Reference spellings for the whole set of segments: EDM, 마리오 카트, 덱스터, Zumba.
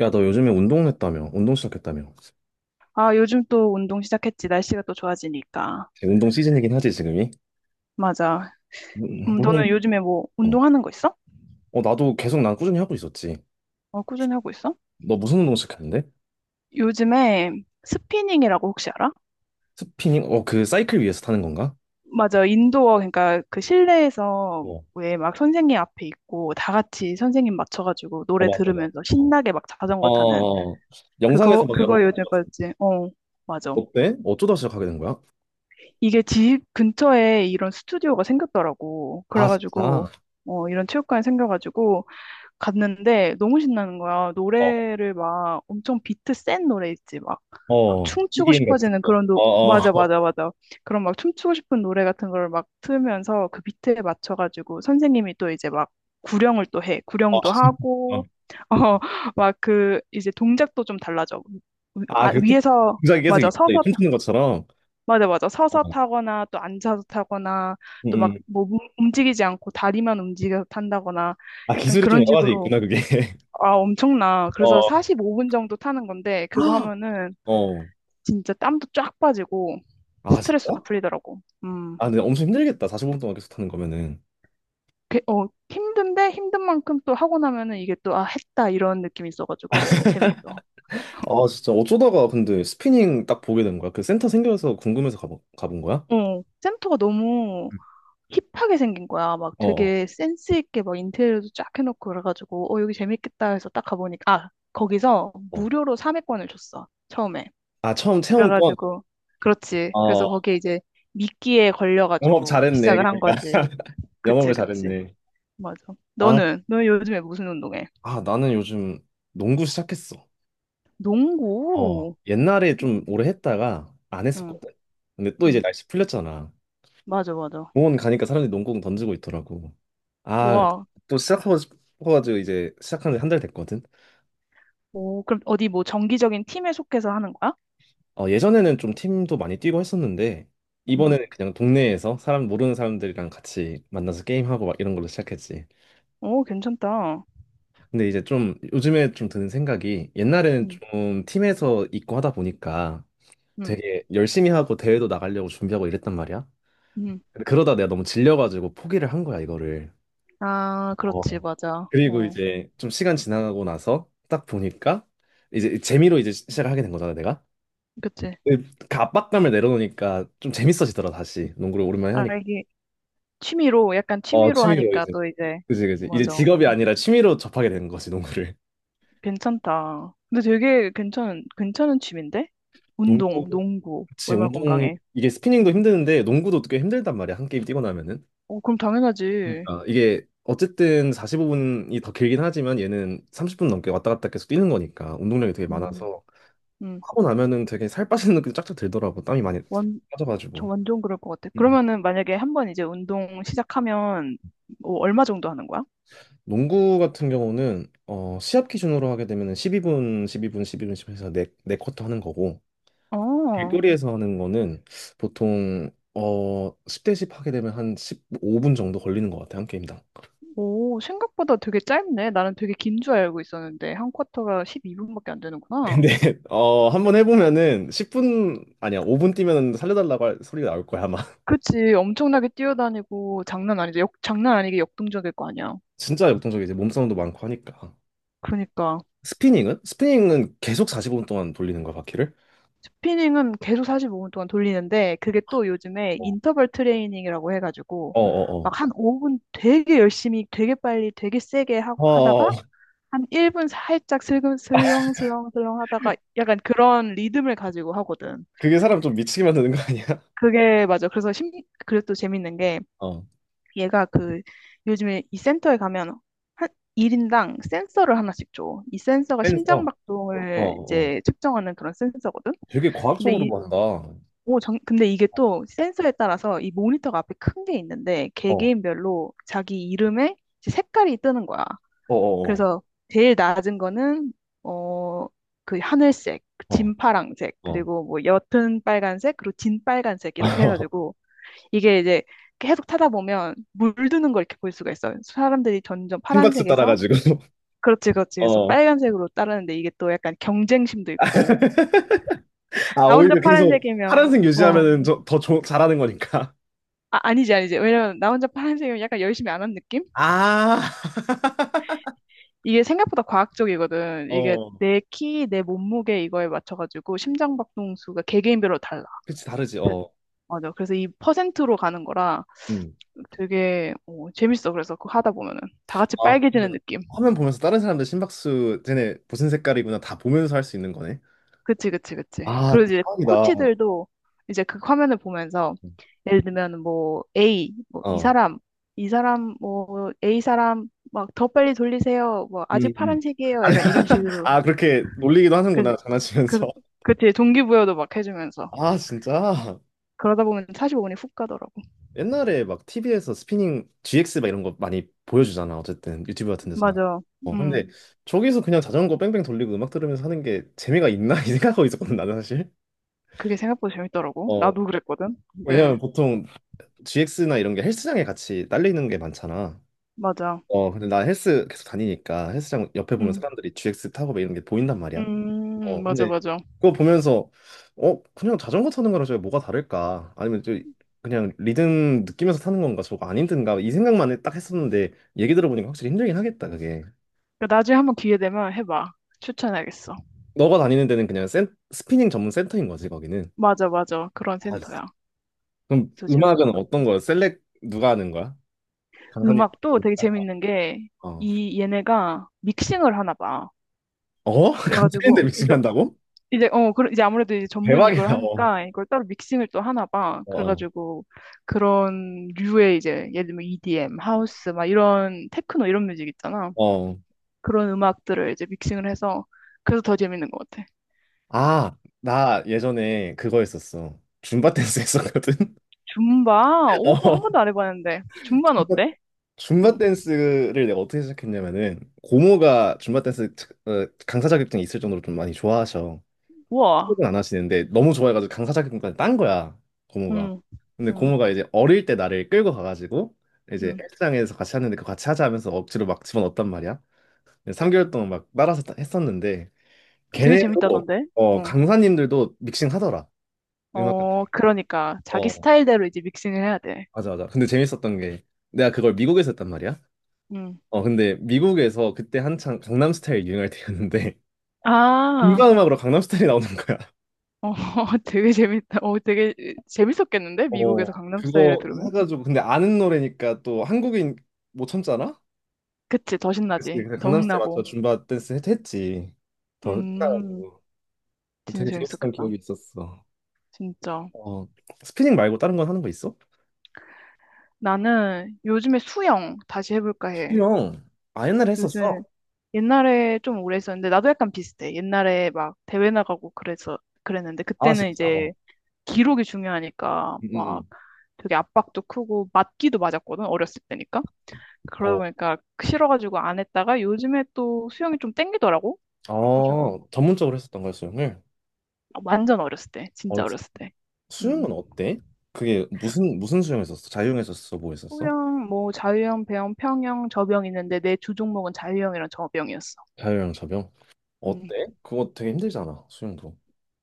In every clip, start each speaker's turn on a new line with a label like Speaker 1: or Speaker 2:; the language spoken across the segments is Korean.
Speaker 1: 야, 너 요즘에 운동했다며? 운동 시작했다며?
Speaker 2: 아, 요즘 또 운동 시작했지. 날씨가 또 좋아지니까.
Speaker 1: 운동 시즌이긴 하지, 지금이?
Speaker 2: 맞아.
Speaker 1: 무- 무슨,
Speaker 2: 너는 요즘에 뭐
Speaker 1: 어,
Speaker 2: 운동하는 거 있어?
Speaker 1: 나도 계속 난 꾸준히 하고 있었지.
Speaker 2: 어, 꾸준히 하고 있어?
Speaker 1: 너 무슨 운동 시작했는데?
Speaker 2: 요즘에 스피닝이라고 혹시 알아?
Speaker 1: 스피닝? 어, 그 사이클 위에서 타는 건가?
Speaker 2: 맞아. 인도어, 그러니까 그 실내에서
Speaker 1: 어,
Speaker 2: 왜 막 선생님 앞에 있고 다 같이 선생님 맞춰가지고
Speaker 1: 어,
Speaker 2: 노래
Speaker 1: 맞아, 맞아.
Speaker 2: 들으면서
Speaker 1: 어,
Speaker 2: 신나게 막 자전거 타는
Speaker 1: 어, 어. 영상에서
Speaker 2: 그거,
Speaker 1: 막 여러
Speaker 2: 그거
Speaker 1: 번
Speaker 2: 요즘에
Speaker 1: 봤어.
Speaker 2: 빠졌지. 어, 맞아.
Speaker 1: 어때? 어쩌다 시작하게 된 거야?
Speaker 2: 이게 집 근처에 이런 스튜디오가 생겼더라고.
Speaker 1: 아, 진짜?
Speaker 2: 그래가지고, 이런 체육관이 생겨가지고 갔는데 너무 신나는 거야.
Speaker 1: 어,
Speaker 2: 노래를 막 엄청 비트 센 노래 있지. 막, 막
Speaker 1: 어.
Speaker 2: 춤추고
Speaker 1: EDM 같은
Speaker 2: 싶어지는
Speaker 1: 거.
Speaker 2: 그런
Speaker 1: 어, 어,
Speaker 2: 맞아, 맞아, 맞아. 그런 막 춤추고 싶은 노래 같은 걸 막 틀면서 그 비트에 맞춰가지고 선생님이 또 이제 막 구령을 또 해.
Speaker 1: 어.
Speaker 2: 구령도
Speaker 1: 어.
Speaker 2: 하고, 어, 막 그 이제 동작도 좀 달라져.
Speaker 1: 아,
Speaker 2: 아,
Speaker 1: 그,
Speaker 2: 위에서,
Speaker 1: 동작이 계속
Speaker 2: 맞아,
Speaker 1: 있어.
Speaker 2: 서서,
Speaker 1: 춤추는 것처럼.
Speaker 2: 맞아, 맞아.
Speaker 1: 어.
Speaker 2: 서서 타거나 또 앉아서 타거나
Speaker 1: 음,
Speaker 2: 또 막
Speaker 1: 음.
Speaker 2: 뭐 움직이지 않고 다리만 움직여서 탄다거나
Speaker 1: 아,
Speaker 2: 약간
Speaker 1: 기술이 좀
Speaker 2: 그런
Speaker 1: 여러 가지
Speaker 2: 식으로
Speaker 1: 있구나, 그게.
Speaker 2: 아, 엄청나. 그래서
Speaker 1: 어.
Speaker 2: 45분 정도 타는 건데, 그거 하면은
Speaker 1: 어.
Speaker 2: 진짜 땀도 쫙 빠지고,
Speaker 1: 아,
Speaker 2: 스트레스도
Speaker 1: 진짜?
Speaker 2: 풀리더라고. 음.
Speaker 1: 아, 근데 엄청 힘들겠다, 45분 동안 계속 타는 거면은.
Speaker 2: 힘든데, 힘든 만큼 또 하고 나면은 이게 또, 아, 했다, 이런 느낌이 있어가지고, 재밌어.
Speaker 1: 아, 진짜. 어쩌다가 근데 스피닝 딱 보게 된 거야? 그 센터 생겨서 궁금해서 가본 거야?
Speaker 2: 센터가 너무 힙하게 생긴 거야. 막
Speaker 1: 어어,
Speaker 2: 되게 센스 있게 막 인테리어도 쫙 해놓고 그래가지고, 여기 재밌겠다 해서 딱 가보니까, 아, 거기서
Speaker 1: 어. 어.
Speaker 2: 무료로 3회권을 줬어. 처음에.
Speaker 1: 아, 처음 체험권.
Speaker 2: 그래가지고, 그렇지. 그래서
Speaker 1: 어,
Speaker 2: 거기에 이제 미끼에
Speaker 1: 영업
Speaker 2: 걸려가지고
Speaker 1: 잘했네,
Speaker 2: 시작을 한
Speaker 1: 그러니까.
Speaker 2: 거지. 그치,
Speaker 1: 영업을
Speaker 2: 그치.
Speaker 1: 잘했네.
Speaker 2: 맞아.
Speaker 1: 아,
Speaker 2: 너는 요즘에 무슨 운동해?
Speaker 1: 아, 나는 요즘 농구 시작했어. 어,
Speaker 2: 농구.
Speaker 1: 옛날에 좀 오래 했다가 안
Speaker 2: 응,
Speaker 1: 했었거든. 근데 또 이제
Speaker 2: 응.
Speaker 1: 날씨 풀렸잖아.
Speaker 2: 맞아, 맞아.
Speaker 1: 공원 가니까 사람들이 농구공 던지고 있더라고. 아,
Speaker 2: 와,
Speaker 1: 또 시작하고 싶어가지고 이제 시작한 지 한 달 됐거든.
Speaker 2: 오, 그럼 어디 뭐 정기적인 팀에 속해서 하는 거야?
Speaker 1: 어, 예전에는 좀 팀도 많이 뛰고 했었는데,
Speaker 2: 응.
Speaker 1: 이번에는 그냥 동네에서 사람, 모르는 사람들이랑 같이 만나서 게임하고 막 이런 걸로 시작했지.
Speaker 2: 오, 괜찮다.
Speaker 1: 근데 이제 좀 요즘에 좀 드는 생각이, 옛날에는
Speaker 2: 응,
Speaker 1: 좀 팀에서 있고 하다 보니까
Speaker 2: 응,
Speaker 1: 되게 열심히 하고 대회도 나가려고 준비하고 이랬단 말이야.
Speaker 2: 응.
Speaker 1: 근데 그러다 내가 너무 질려가지고 포기를 한 거야, 이거를.
Speaker 2: 아, 그렇지,
Speaker 1: 어.
Speaker 2: 맞아.
Speaker 1: 그리고
Speaker 2: 어,
Speaker 1: 이제 좀 시간 지나가고 나서 딱 보니까 이제 재미로 이제 시작을 하게 된 거잖아, 내가.
Speaker 2: 그치.
Speaker 1: 근데 그 압박감을 내려놓으니까 좀 재밌어지더라, 다시. 농구를 오랜만에
Speaker 2: 아,
Speaker 1: 하니까.
Speaker 2: 이게 취미로, 약간
Speaker 1: 어,
Speaker 2: 취미로
Speaker 1: 취미로
Speaker 2: 하니까
Speaker 1: 이제.
Speaker 2: 또 이제,
Speaker 1: 그지, 그지. 이제
Speaker 2: 맞아.
Speaker 1: 직업이 아니라 취미로 접하게 된 거지, 농구를.
Speaker 2: 괜찮다. 근데 되게 괜찮은 취미인데? 운동,
Speaker 1: 농구,
Speaker 2: 농구.
Speaker 1: 그치,
Speaker 2: 얼마나
Speaker 1: 운동,
Speaker 2: 건강해.
Speaker 1: 이게 스피닝도
Speaker 2: 음.
Speaker 1: 힘드는데, 농구도 꽤 힘들단 말이야, 한 게임 뛰고 나면은.
Speaker 2: 어, 그럼 당연하지.
Speaker 1: 그러니까 이게, 어쨌든 45분이 더 길긴 하지만, 얘는 30분 넘게 왔다 갔다 계속 뛰는 거니까, 운동량이 되게
Speaker 2: 음,
Speaker 1: 많아서,
Speaker 2: 음.
Speaker 1: 하고 나면은 되게 살 빠지는 느낌이 쫙쫙 들더라고, 땀이 많이
Speaker 2: 완, 저
Speaker 1: 빠져가지고.
Speaker 2: 완전 그럴 것 같아.
Speaker 1: 음.
Speaker 2: 그러면은 만약에 한 번 이제 운동 시작하면 뭐 얼마 정도 하는 거야?
Speaker 1: 농구 같은 경우는, 어, 시합 기준으로 하게 되면은 12분, 12분, 12분, 12분 해서 네네쿼터 하는 거고,
Speaker 2: 어,
Speaker 1: 길거리에서 하는 거는 보통 어, 10대씩 하게 되면 한 15분 정도 걸리는 것 같아요, 한 게임당.
Speaker 2: 오, 생각보다 되게 짧네. 나는 되게 긴 줄 알고 있었는데, 한 쿼터가 12분밖에 안 되는구나.
Speaker 1: 근데 어, 한번 해보면은 10분 아니야, 5분 뛰면 살려달라고 할 소리가 나올 거야 아마.
Speaker 2: 그치, 엄청나게 뛰어다니고, 장난 아니지. 장난 아니게 역동적일 거 아니야.
Speaker 1: 진짜 역동적이, 이제 몸싸움도 많고 하니까.
Speaker 2: 그러니까.
Speaker 1: 스피닝은? 스피닝은 계속 4오분 동안 돌리는 거야, 바퀴를?
Speaker 2: 스피닝은 계속 45분 동안 돌리는데 그게 또 요즘에
Speaker 1: 어,
Speaker 2: 인터벌 트레이닝이라고 해가지고
Speaker 1: 어, 어어, 어.
Speaker 2: 막 한 5분 되게 열심히 되게 빨리 되게 세게 하,
Speaker 1: 어, 어, 어.
Speaker 2: 하다가
Speaker 1: 어.
Speaker 2: 한 1분 살짝 슬금 슬렁슬렁슬렁 하다가 약간 그런 리듬을 가지고 하거든.
Speaker 1: 그게 사람 좀 미치게 만드는 거 아니야?
Speaker 2: 그게 맞아. 그래서 또 재밌는 게
Speaker 1: 어.
Speaker 2: 얘가 그 요즘에 이 센터에 가면 한 1인당 센서를 하나씩 줘. 이 센서가 심장
Speaker 1: 댄서. 어어,
Speaker 2: 박동을
Speaker 1: 어, 어. 어.
Speaker 2: 이제 측정하는 그런 센서거든.
Speaker 1: 되게
Speaker 2: 근데
Speaker 1: 과학적으로
Speaker 2: 이
Speaker 1: 만다. 어,
Speaker 2: 근데 이게 또 센서에 따라서 이 모니터가 앞에 큰 게 있는데
Speaker 1: 어,
Speaker 2: 개개인별로 자기 이름에 이제 색깔이 뜨는 거야.
Speaker 1: 어, 어,
Speaker 2: 그래서 제일 낮은 거는 어, 그 하늘색,
Speaker 1: 어,
Speaker 2: 진파랑색, 그리고 뭐 옅은 빨간색, 그리고 진빨간색 이렇게
Speaker 1: 어.
Speaker 2: 해가지고 이게 이제 계속 타다 보면 물드는 걸 이렇게 볼 수가 있어. 요 사람들이 점점
Speaker 1: 심박수
Speaker 2: 파란색에서
Speaker 1: 따라가지고.
Speaker 2: 그렇지, 그렇지. 그래서
Speaker 1: 어.
Speaker 2: 빨간색으로 따르는데 이게 또 약간 경쟁심도 있고
Speaker 1: 아,
Speaker 2: 나 혼자
Speaker 1: 오히려 계속
Speaker 2: 파란색이면
Speaker 1: 파란색
Speaker 2: 어.
Speaker 1: 유지하면은 더 잘하는 거니까.
Speaker 2: 아, 아니지, 아니지. 왜냐면 나 혼자 파란색이면 약간 열심히 안 한 느낌?
Speaker 1: 아,
Speaker 2: 이게 생각보다 과학적이거든. 이게
Speaker 1: 어.
Speaker 2: 내 키, 내 몸무게 이거에 맞춰가지고 심장박동수가 개개인별로 달라.
Speaker 1: 그치, 다르지,
Speaker 2: 그-
Speaker 1: 어.
Speaker 2: 맞아. 그래서 이 퍼센트로 가는 거라
Speaker 1: 음.
Speaker 2: 되게 재밌어. 그래서 그거 하다 보면은 다 같이
Speaker 1: 아,
Speaker 2: 빨개지는
Speaker 1: 그러면
Speaker 2: 느낌.
Speaker 1: 화면 보면서 다른 사람들 심박수, 쟤네 무슨 색깔이구나 다 보면서 할 수 있는 거네.
Speaker 2: 그치, 그치, 그치.
Speaker 1: 아,
Speaker 2: 그리고 이제
Speaker 1: 대박이다.
Speaker 2: 코치들도 이제 그 화면을 보면서 예를 들면 뭐 A, 뭐 이
Speaker 1: 어.
Speaker 2: 사람, 이 사람, 뭐 A 사람 막 더 빨리 돌리세요. 뭐
Speaker 1: 음,
Speaker 2: 아직
Speaker 1: 음.
Speaker 2: 파란색이에요.
Speaker 1: 아니,
Speaker 2: 약간 이런 식으로
Speaker 1: 아, 그렇게 놀리기도
Speaker 2: 그,
Speaker 1: 하는구나,
Speaker 2: 그,
Speaker 1: 장난치면서.
Speaker 2: 그치, 동기부여도 막 해주면서.
Speaker 1: 아, 진짜?
Speaker 2: 그러다 보면 45분이 훅 가더라고.
Speaker 1: 옛날에 막 TV에서 스피닝 GX 막 이런 거 많이 보여주잖아. 어쨌든 유튜브 같은 데서나.
Speaker 2: 맞아.
Speaker 1: 어,
Speaker 2: 음,
Speaker 1: 근데 저기서 그냥 자전거 뺑뺑 돌리고 음악 들으면서 하는 게 재미가 있나? 이 생각하고 있었거든, 나는 사실.
Speaker 2: 그게 생각보다 재밌더라고.
Speaker 1: 어,
Speaker 2: 나도 그랬거든.
Speaker 1: 왜냐면
Speaker 2: 네,
Speaker 1: 보통 GX나 이런 게 헬스장에 같이 딸리는 게 많잖아.
Speaker 2: 맞아.
Speaker 1: 어, 근데 나 헬스 계속 다니니까 헬스장 옆에 보면
Speaker 2: 음,
Speaker 1: 사람들이 GX 타고 막 이런 게 보인단 말이야. 어,
Speaker 2: 맞아,
Speaker 1: 근데
Speaker 2: 맞아.
Speaker 1: 그거 보면서 어, 그냥 자전거 타는 거랑 저게 뭐가 다를까? 아니면 저 그냥 리듬 느끼면서 타는 건가? 저거 안 힘든가? 이 생각만 딱 했었는데, 얘기 들어보니까 확실히 힘들긴 하겠다, 그게.
Speaker 2: 그 나중에 한번 기회 되면 해봐. 추천하겠어.
Speaker 1: 너가 다니는 데는 그냥 스피닝 전문 센터인 거지, 거기는?
Speaker 2: 맞아, 맞아. 그런
Speaker 1: 아,
Speaker 2: 센터야.
Speaker 1: 그럼
Speaker 2: 그래서
Speaker 1: 음악은
Speaker 2: 재밌더라고.
Speaker 1: 어떤 거야? 셀렉 누가 하는 거야? 강사님.
Speaker 2: 음악도 되게 재밌는 게,
Speaker 1: 어.
Speaker 2: 얘네가 믹싱을 하나 봐.
Speaker 1: 어? 강사님들
Speaker 2: 그래가지고,
Speaker 1: 믹싱한다고?
Speaker 2: 이제 그런 이제 아무래도 이제 전문 이걸
Speaker 1: 대박이다. 어.
Speaker 2: 하니까 이걸 따로 믹싱을 또 하나 봐.
Speaker 1: 어.
Speaker 2: 그래가지고 그런 류의 이제 예를 들면 EDM, 하우스 막 이런 테크노 이런 뮤직 있잖아.
Speaker 1: 어. 어.
Speaker 2: 그런 음악들을 이제 믹싱을 해서 그래서 더 재밌는 것 같아.
Speaker 1: 아, 나 예전에 그거 했었어. 줌바 댄스 했었거든.
Speaker 2: 줌바? 오, 한
Speaker 1: 어.
Speaker 2: 번도 안 해봤는데 줌바는 어때?
Speaker 1: 줌바
Speaker 2: 응.
Speaker 1: 댄스를 내가 어떻게 시작했냐면은, 고모가 줌바 댄스 어, 강사 자격증이 있을 정도로 좀 많이 좋아하셔.
Speaker 2: 우와.
Speaker 1: 혹은 안 하시는데 너무 좋아해가지고 강사 자격증까지 딴 거야, 고모가.
Speaker 2: 응.
Speaker 1: 근데
Speaker 2: 응.
Speaker 1: 고모가 이제 어릴 때 나를 끌고 가가지고 이제
Speaker 2: 응.
Speaker 1: 헬스장에서 같이 하는데, 그 같이 하자 하면서 억지로 막 집어넣었단 말이야. 3개월 동안 막 따라서 했었는데,
Speaker 2: 되게
Speaker 1: 걔네도,
Speaker 2: 재밌다던데.
Speaker 1: 어,
Speaker 2: 응.
Speaker 1: 강사님들도 믹싱 하더라, 음악 같은
Speaker 2: 어 그러니까 자기
Speaker 1: 거. 어,
Speaker 2: 스타일대로 이제 믹싱을 해야 돼.
Speaker 1: 맞아, 맞아. 근데 재밌었던 게, 내가 그걸 미국에서 했단 말이야.
Speaker 2: 응.
Speaker 1: 어, 근데 미국에서 그때 한창 강남스타일 유행할 때였는데,
Speaker 2: 아.
Speaker 1: 인간음악으로 강남스타일이 나오는 거야.
Speaker 2: 어, 되게 재밌다. 어, 되게 재밌었겠는데? 미국에서
Speaker 1: 어,
Speaker 2: 강남 스타일을
Speaker 1: 그거
Speaker 2: 들으면?
Speaker 1: 해가지고, 근데 아는 노래니까 또 한국인 못 참잖아?
Speaker 2: 그치, 더
Speaker 1: 그래서
Speaker 2: 신나지.
Speaker 1: 그냥
Speaker 2: 더
Speaker 1: 강남스타일 맞춰
Speaker 2: 흥나고.
Speaker 1: 줌바 댄스 했지. 더
Speaker 2: 음,
Speaker 1: 신나가지고
Speaker 2: 진짜
Speaker 1: 되게 재밌었던
Speaker 2: 재밌었겠다.
Speaker 1: 기억이 있었어.
Speaker 2: 진짜.
Speaker 1: 어, 스피닝 말고 다른 건 하는 거 있어?
Speaker 2: 나는 요즘에 수영 다시 해볼까 해.
Speaker 1: 수영. 아, 옛날에
Speaker 2: 요즘에
Speaker 1: 했었어.
Speaker 2: 옛날에 좀 오래 했었는데, 나도 약간 비슷해. 옛날에 막 대회 나가고 그래서 그랬는데,
Speaker 1: 아,
Speaker 2: 그때는
Speaker 1: 진짜? 어.
Speaker 2: 이제 기록이 중요하니까
Speaker 1: 응, 응,
Speaker 2: 막
Speaker 1: 응.
Speaker 2: 되게 압박도 크고 맞기도 맞았거든, 어렸을 때니까. 그러다
Speaker 1: 어,
Speaker 2: 보니까 싫어가지고 안 했다가 요즘에 또 수영이 좀 땡기더라고. 그래가지고
Speaker 1: 아, 전문적으로 했었던 거야, 수영을?
Speaker 2: 아, 완전 어렸을 때, 진짜 어렸을 때. 음.
Speaker 1: 수영은 어때? 그게 무슨 수영 했었어? 자유형 했었어? 뭐 했었어?
Speaker 2: 수영, 뭐 자유형, 배영, 평영, 저병 있는데 내 주 종목은 자유형이랑 저병이었어.
Speaker 1: 자유형 접영?
Speaker 2: 음.
Speaker 1: 어때? 그거 되게 힘들잖아 수영도.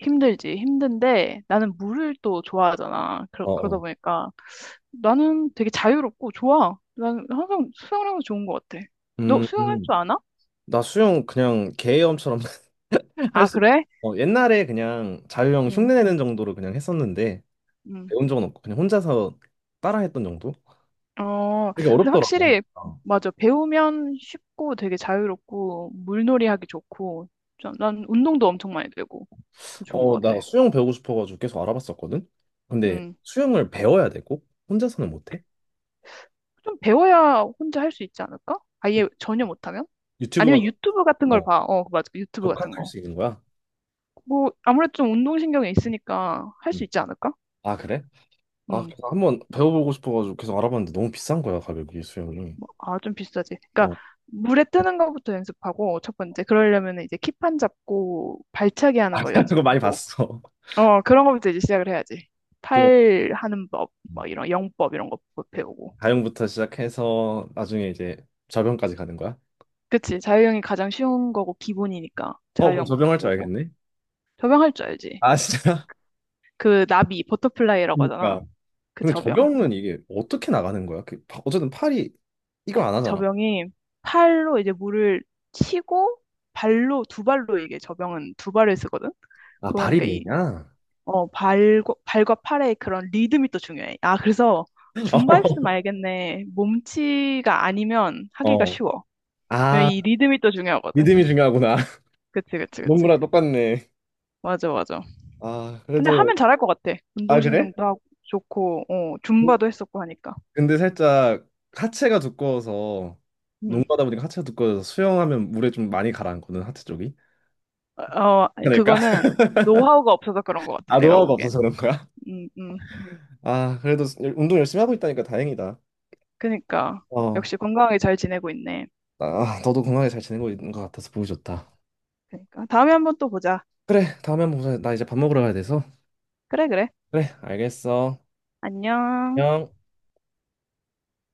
Speaker 2: 힘들지, 힘든데 나는 물을 또 좋아하잖아. 그러다
Speaker 1: 어어.
Speaker 2: 보니까 나는 되게 자유롭고 좋아. 나는 항상 수영을 하면 좋은 것 같아. 너
Speaker 1: 음,
Speaker 2: 수영할 줄
Speaker 1: 음.
Speaker 2: 아나?
Speaker 1: 나 수영 그냥 개염처럼 할
Speaker 2: 아,
Speaker 1: 수.
Speaker 2: 그래?
Speaker 1: 어, 옛날에 그냥 자유형
Speaker 2: 응,
Speaker 1: 흉내내는 정도로 그냥 했었는데,
Speaker 2: 응.
Speaker 1: 배운 적은 없고 그냥 혼자서 따라했던 정도.
Speaker 2: 어,
Speaker 1: 되게
Speaker 2: 근데
Speaker 1: 어렵더라고.
Speaker 2: 확실히, 맞아. 배우면 쉽고 되게 자유롭고, 물놀이 하기 좋고, 난 운동도 엄청 많이 되고, 좋은 것
Speaker 1: 나
Speaker 2: 같아.
Speaker 1: 수영 배우고 싶어가지고 계속 알아봤었거든. 근데
Speaker 2: 음.
Speaker 1: 수영을 배워야 되고 혼자서는 못해.
Speaker 2: 좀 배워야 혼자 할 수 있지 않을까?
Speaker 1: 응.
Speaker 2: 아예 전혀 못하면?
Speaker 1: 유튜브
Speaker 2: 아니면
Speaker 1: 가서,
Speaker 2: 유튜브 같은 걸
Speaker 1: 어,
Speaker 2: 봐. 어, 그 맞아. 유튜브 같은
Speaker 1: 독학할
Speaker 2: 거.
Speaker 1: 수 있는 거야.
Speaker 2: 뭐, 아무래도 좀 운동신경이 있으니까 할
Speaker 1: 응.
Speaker 2: 수 있지 않을까?
Speaker 1: 아, 그래? 아,
Speaker 2: 음.
Speaker 1: 그래서 한번 배워보고 싶어가지고 계속 알아봤는데 너무 비싼 거야, 가격이, 수영이.
Speaker 2: 아, 좀 비싸지.
Speaker 1: 어.
Speaker 2: 그러니까, 물에 뜨는 것부터 연습하고, 첫 번째. 그러려면 이제 킥판 잡고, 발차기 하는
Speaker 1: 아,
Speaker 2: 거
Speaker 1: 그거 많이
Speaker 2: 연습하고,
Speaker 1: 봤어.
Speaker 2: 그런 거부터 이제 시작을 해야지.
Speaker 1: 그거
Speaker 2: 팔 하는 법, 뭐 이런 영법 이런 거 배우고.
Speaker 1: 가용부터 시작해서 나중에 이제 접영까지 가는 거야?
Speaker 2: 그치, 자유형이 가장 쉬운 거고 기본이니까
Speaker 1: 어, 그럼
Speaker 2: 자유형부터
Speaker 1: 접영할 줄
Speaker 2: 배우고.
Speaker 1: 알겠네?
Speaker 2: 접영 할 줄 알지.
Speaker 1: 아, 진짜?
Speaker 2: 그 나비, 버터플라이라고 하잖아.
Speaker 1: 그러니까.
Speaker 2: 그
Speaker 1: 근데
Speaker 2: 접영.
Speaker 1: 접영은 이게 어떻게 나가는 거야? 그, 어쨌든 팔이 이걸 안 하잖아.
Speaker 2: 접영이 팔로 이제 물을 치고 발로, 두 발로 이게 접영은 두 발을 쓰거든?
Speaker 1: 아, 발이
Speaker 2: 그러니까
Speaker 1: 메이냐?
Speaker 2: 발과 팔의 그런 리듬이 또 중요해. 아, 그래서 줌바 있으면 알겠네. 몸치가 아니면
Speaker 1: 어.
Speaker 2: 하기가
Speaker 1: 어.
Speaker 2: 쉬워. 왜냐면
Speaker 1: 아,
Speaker 2: 이 리듬이 또 중요하거든.
Speaker 1: 믿음이 중요하구나.
Speaker 2: 그치, 그치, 그치.
Speaker 1: 농구랑 똑같네.
Speaker 2: 맞아, 맞아.
Speaker 1: 아,
Speaker 2: 근데
Speaker 1: 그래도.
Speaker 2: 하면 잘할 것 같아.
Speaker 1: 아, 그래?
Speaker 2: 운동신경도 하고 좋고, 줌바도 했었고 하니까.
Speaker 1: 근데 살짝 하체가 두꺼워서,
Speaker 2: 음.
Speaker 1: 농구하다 보니까 하체가 두꺼워서 수영하면 물에 좀 많이 가라앉거든, 하체 쪽이.
Speaker 2: 아니,
Speaker 1: 그러니까.
Speaker 2: 그거는 노하우가 없어서 그런 것 같아.
Speaker 1: 아,
Speaker 2: 내가
Speaker 1: 노하우가
Speaker 2: 보기엔.
Speaker 1: 없어서 그런 거야?
Speaker 2: 음, 음.
Speaker 1: 아, 그래도 운동 열심히 하고 있다니까 다행이다.
Speaker 2: 그니까.
Speaker 1: 어.
Speaker 2: 역시 건강하게 잘 지내고 있네.
Speaker 1: 아, 너도 건강하게 잘 지내고 있는 것 같아서 보기 좋다.
Speaker 2: 그니까. 다음에 한번 또 보자.
Speaker 1: 그래, 다음에 한번 보자. 나 이제 밥 먹으러 가야 돼서.
Speaker 2: 그래, 그래.
Speaker 1: 그래, 알겠어.
Speaker 2: 안녕.
Speaker 1: 안녕.